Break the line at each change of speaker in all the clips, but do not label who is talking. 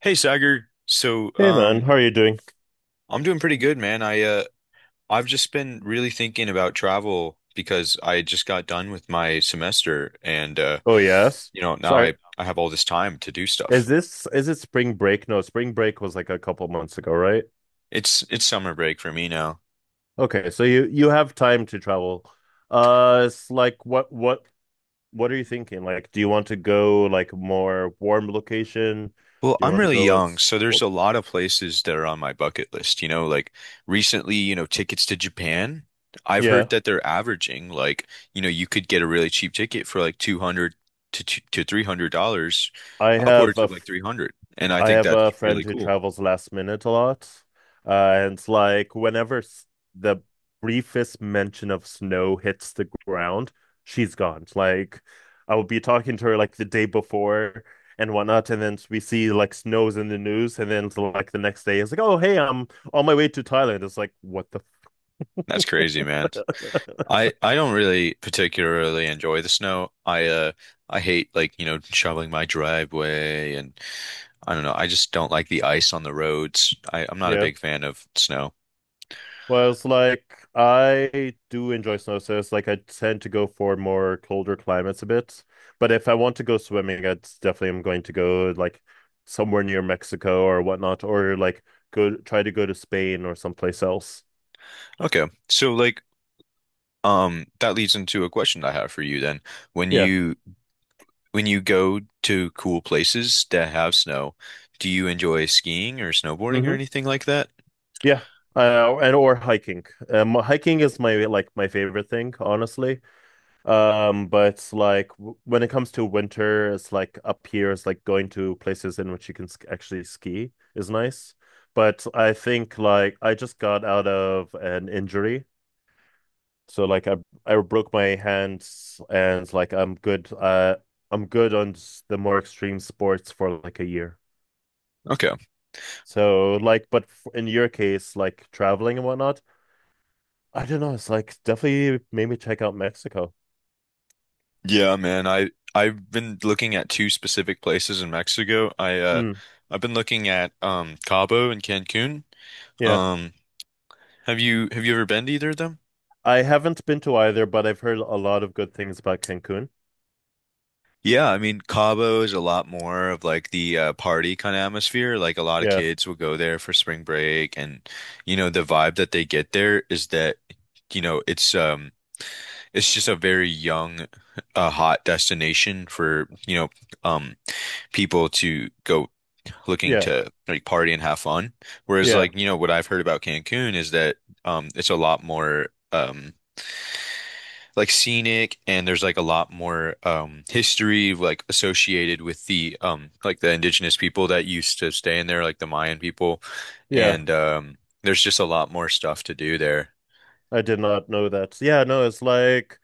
Hey Sagar.
Hey man, how are you doing?
I'm doing pretty good, man. I've just been really thinking about travel because I just got done with my semester and
Oh yes.
now
Sorry.
I have all this time to do
Is
stuff.
this is it spring break? No, spring break was like a couple months ago, right?
It's summer break for me now.
Okay, so you have time to travel. It's like what are you thinking? Like, do you want to go like more warm location? Do
Well,
you
I'm
want to
really young, so there's a lot of places that are on my bucket list. You know, like recently, tickets to Japan. I've
Yeah,
heard that they're averaging, like, you could get a really cheap ticket for like 200 to $300,
I have
upwards
a
of like 300. And I
I
think
have
that's
a friend
really
who
cool.
travels last minute a lot. Uh, and it's like the briefest mention of snow hits the ground, she's gone. It's like I will be talking to her like the day before and whatnot, and then we see like snows in the news, and then it's like the next day it's like, oh hey, I'm on my way to Thailand. It's like what the
That's crazy, man. I don't really particularly enjoy the snow. I hate, like, shoveling my driveway, and I don't know, I just don't like the ice on the roads. I'm not a
yeah.
big fan of snow.
Well, it's like I do enjoy snow, so it's like I tend to go for more colder climates a bit. But if I want to go swimming, I definitely am going to go like somewhere near Mexico or whatnot, or like go try to go to Spain or someplace else.
Okay. So, that leads into a question I have for you then. When
Yeah.
you when you go to cool places that have snow, do you enjoy skiing or snowboarding or
Hmm,
anything like that?
yeah. And or hiking. Hiking is my favorite thing, honestly. But like when it comes to winter, it's like up here, it's like going to places in which you can sk actually ski is nice. But I think like I just got out of an injury, so like I broke my hands and like I'm good. I'm good on the more extreme sports for like a year.
Okay.
So like, but f in your case, like traveling and whatnot, I don't know. It's like definitely made me check out Mexico.
Yeah, man. I've been looking at two specific places in Mexico.
Mm,
I've been looking at Cabo and Cancun.
yeah.
Um have you ever been to either of them?
I haven't been to either, but I've heard a lot of good things about Cancun.
Yeah, I mean Cabo is a lot more of like the party kind of atmosphere. Like a lot of
Yeah,
kids will go there for spring break, and you know the vibe that they get there is that you know it's um it's just a very young, hot destination for, um, people to go looking
yeah,
to like party and have fun. Whereas,
yeah,
like, what I've heard about Cancun is that it's a lot more, um like, scenic, and there's like a lot more history, like, associated with the indigenous people that used to stay in there, like the Mayan people,
yeah.
and there's just a lot more stuff to do there.
I did not know that. So, yeah, no, it's like,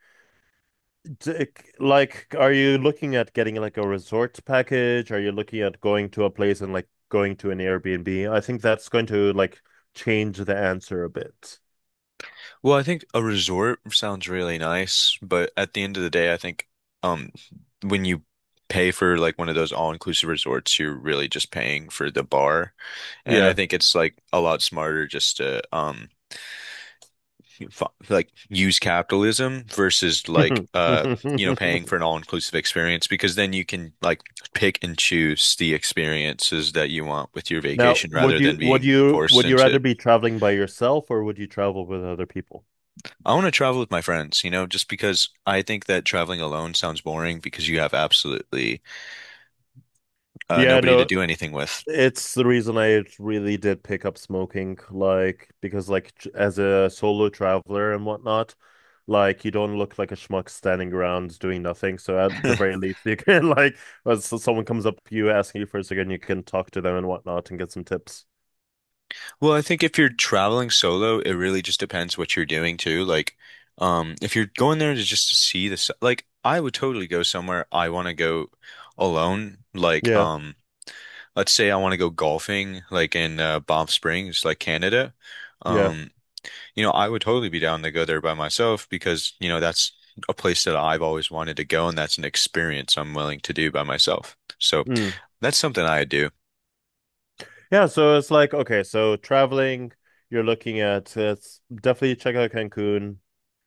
d- like, are you looking at getting like a resort package? Are you looking at going to a place and like going to an Airbnb? I think that's going to like change the answer a bit.
Well, I think a resort sounds really nice, but at the end of the day, I think, um when you pay for like one of those all-inclusive resorts, you're really just paying for the bar. And I
Yeah.
think it's like a lot smarter just to f like use capitalism versus, like, paying for an all-inclusive experience, because then you can like pick and choose the experiences that you want with your
Now,
vacation
would
rather
you
than being forced into
rather be traveling by yourself or would you travel with other people?
I want to travel with my friends, you know, just because I think that traveling alone sounds boring, because you have absolutely
Yeah,
nobody to
no,
do anything with.
it's the reason I really did pick up smoking, like because like as a solo traveler and whatnot, like you don't look like a schmuck standing around doing nothing. So at the very least, you can like when someone comes up to you asking you for a second, you can talk to them and whatnot and get some tips.
Well, I think if you're traveling solo, it really just depends what you're doing too. Like, if you're going there to just to see the, like, I would totally go somewhere I want to go alone. Like,
Yeah,
let's say I want to go golfing, like in Banff Springs, like Canada.
yeah,
Um, I would totally be down to go there by myself because, you know, that's a place that I've always wanted to go, and that's an experience I'm willing to do by myself. So
mm,
that's something I do.
yeah. So it's like okay, so traveling, you're looking at it's definitely check out Cancun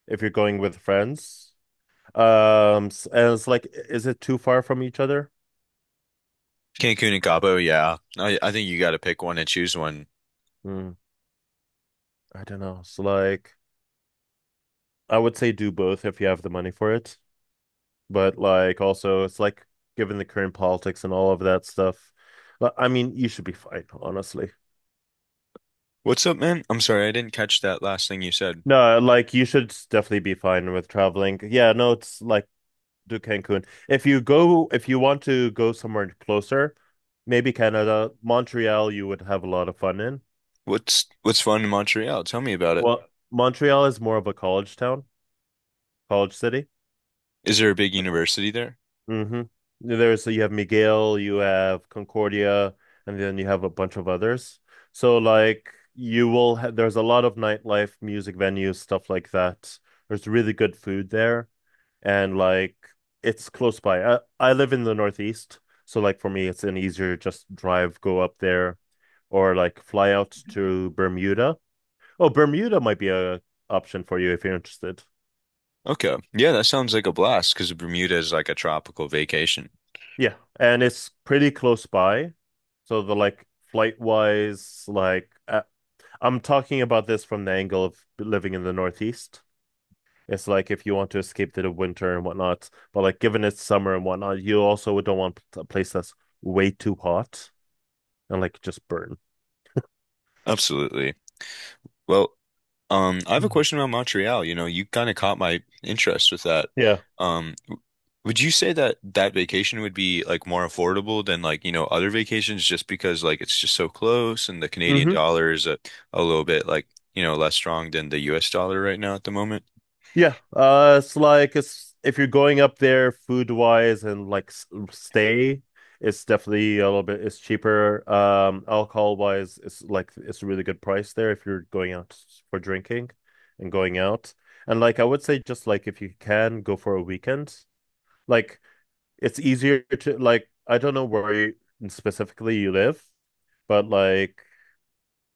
if you're going with friends. And it's like, is it too far from each other?
Cancun and Cabo, yeah. I think you got to pick one and choose one.
Hmm. I don't know. It's like I would say do both if you have the money for it, but like also it's like given the current politics and all of that stuff. I mean, you should be fine, honestly.
What's up, man? I'm sorry, I didn't catch that last thing you said.
No, like you should definitely be fine with traveling. Yeah, no, it's like do Cancun. If you go, if you want to go somewhere closer, maybe Canada, Montreal, you would have a lot of fun in.
What's fun in Montreal? Tell me about it.
Well, Montreal is more of a college town, college city.
Is there a big university there?
Hmm. There's you have Miguel, you have Concordia, and then you have a bunch of others. So like you will ha there's a lot of nightlife, music venues, stuff like that. There's really good food there, and like it's close by. I live in the Northeast, so like for me, it's an easier just drive, go up there, or like fly out to Bermuda. Oh, Bermuda might be a option for you if you're interested.
Okay. Yeah, that sounds like a blast because Bermuda is like a tropical vacation.
Yeah, and it's pretty close by. So the like flight wise, like I'm talking about this from the angle of living in the Northeast. It's like if you want to escape the winter and whatnot, but like given it's summer and whatnot, you also don't want a place that's way too hot and like just burn.
Absolutely. Well, I have a
Hmm.
question about Montreal. You know, you kind of caught my interest with that.
Yeah.
Um, w- would you say that that vacation would be like more affordable than, like, other vacations, just because like it's just so close and the Canadian
Hmm,
dollar is a little bit, like, less strong than the US dollar right now at the moment?
yeah, it's like it's if you're going up there food wise and like stay, it's definitely a little bit it's cheaper. Alcohol wise, it's like it's a really good price there if you're going out for drinking and going out. And like I would say, just like if you can go for a weekend, like it's easier to like I don't know where you, specifically you live, but like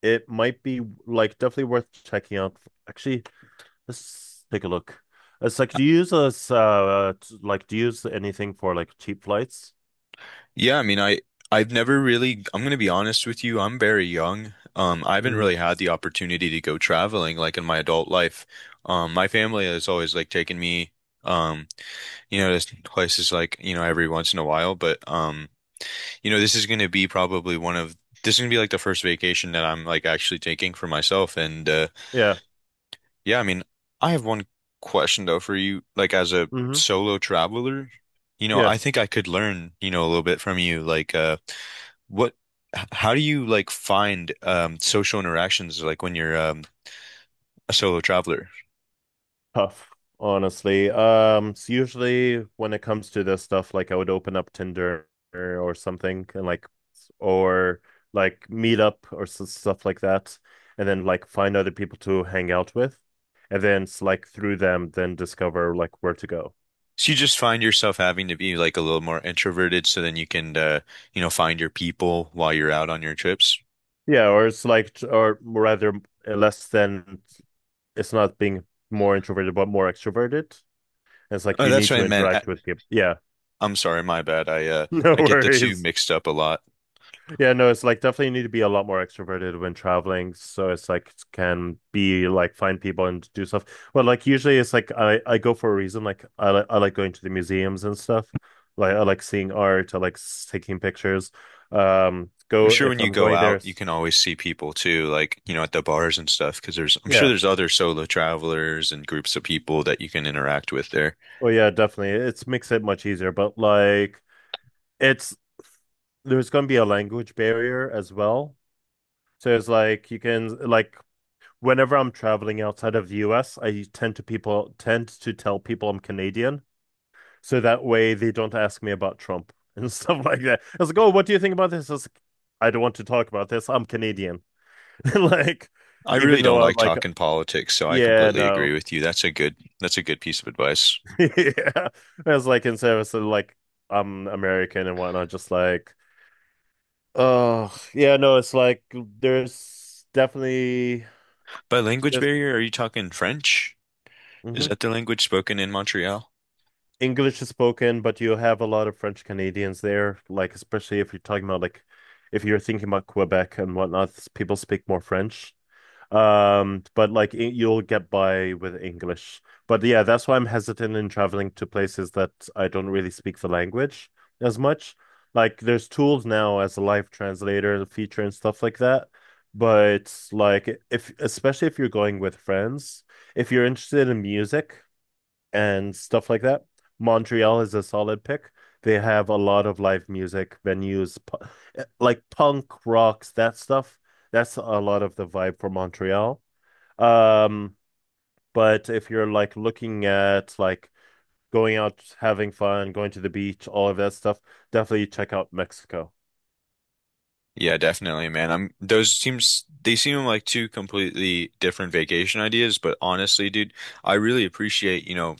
it might be like definitely worth checking out. Actually. Let's take a look. It's like, do you use this, like, do you use anything for like cheap flights?
Yeah, I mean, I've never really, I'm gonna be honest with you, I'm very young. I haven't
Mm.
really had the opportunity to go traveling like in my adult life. My family has always like taken me. Um, this place is like, you know, every once in a while, but you know, this is going to be probably one of this is going to be like the first vacation that I'm like actually taking for myself, and
Yeah.
yeah, I mean, I have one question though for you like as a
Hmm,
solo traveler,
yeah.
I think I could learn, you know, a little bit from you, like, what how do you like find social interactions, like when you're a solo traveler?
Tough, honestly. So usually when it comes to this stuff, like I would open up Tinder or something and like, or like meet up or s stuff like that, and then like find other people to hang out with, and then it's like through them, then discover like where to go.
So you just find yourself having to be like a little more introverted, so then you can, find your people while you're out on your trips.
Yeah, or it's like, or rather, less than it's not being more introverted but more extroverted. It's like
Oh,
you
that's
need
what
to
I meant.
interact with people. Yeah,
I'm sorry, my bad.
no
I get the two
worries.
mixed up a lot.
Yeah, no, it's like definitely need to be a lot more extroverted when traveling. So it's like can be like find people and do stuff. But like usually it's like I go for a reason. Like I I like going to the museums and stuff. Like I like seeing art. I like taking pictures.
I'm
Go
sure when
if
you
I'm
go
going there.
out, you
It's-
can always see people too, like, you know, at the bars and stuff, because there's I'm sure
Yeah.
there's other solo travelers and groups of people that you can interact with there.
Oh yeah, definitely. It's makes it much easier. But like it's there's going to be a language barrier as well. So it's like you can like whenever I'm traveling outside of the US, I tend to people tend to tell people I'm Canadian, so that way they don't ask me about Trump and stuff like that. I was like, oh, what do you think about this? I was like, I don't want to talk about this. I'm Canadian. Like,
I really
even though
don't
I'm
like
like,
talking politics, so I
yeah,
completely agree
no,
with you. That's a good piece of advice.
yeah. I was like in service of like I'm American and whatnot, just like, oh yeah, no, it's like there's definitely
By language
this.
barrier, are you talking French? Is that the language spoken in Montreal?
English is spoken, but you have a lot of French Canadians there, like especially if you're talking about like if you're thinking about Quebec and whatnot, people speak more French. But like you'll get by with English. But yeah, that's why I'm hesitant in traveling to places that I don't really speak the language as much. Like there's tools now as a live translator, feature and stuff like that. But like if especially if you're going with friends, if you're interested in music and stuff like that. Montreal is a solid pick. They have a lot of live music venues, like punk rocks, that stuff. That's a lot of the vibe for Montreal. Um, but if you're like looking at like going out, having fun, going to the beach, all of that stuff, definitely check out Mexico.
Yeah, definitely, man. I'm those seems They seem like two completely different vacation ideas, but honestly, dude, I really appreciate,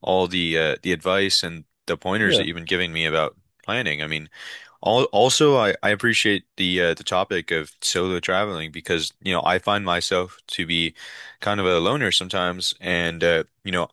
all the advice and the pointers that
Yeah,
you've been giving me about planning. I mean, also, I appreciate the topic of solo traveling because, you know, I find myself to be kind of a loner sometimes, and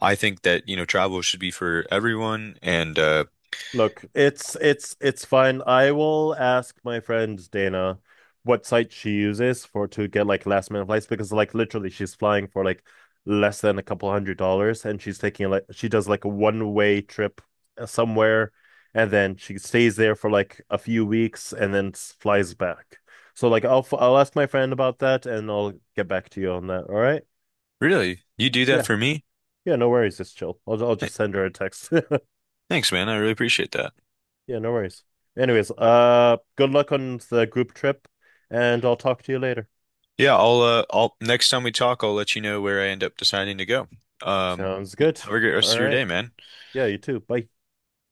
I think that, you know, travel should be for everyone. And
look, it's fine. I will ask my friend Dana what site she uses for to get like last minute flights because like literally she's flying for like less than a couple $100s and she's taking like she does like a one way trip somewhere and then she stays there for like a few weeks and then flies back. So like I'll I'll ask my friend about that and I'll get back to you on that. All right?
Really, you do that
Yeah.
for me?
Yeah, no worries. Just chill. I'll
Th-
just send her a text.
Thanks, man. I really appreciate that.
Yeah, no worries. Anyways, good luck on the group trip, and I'll talk to you later.
Yeah, I'll next time we talk, I'll let you know where I end up deciding to go. Um,
Sounds good.
have a great
All
rest of your
right.
day, man.
Yeah, you too. Bye.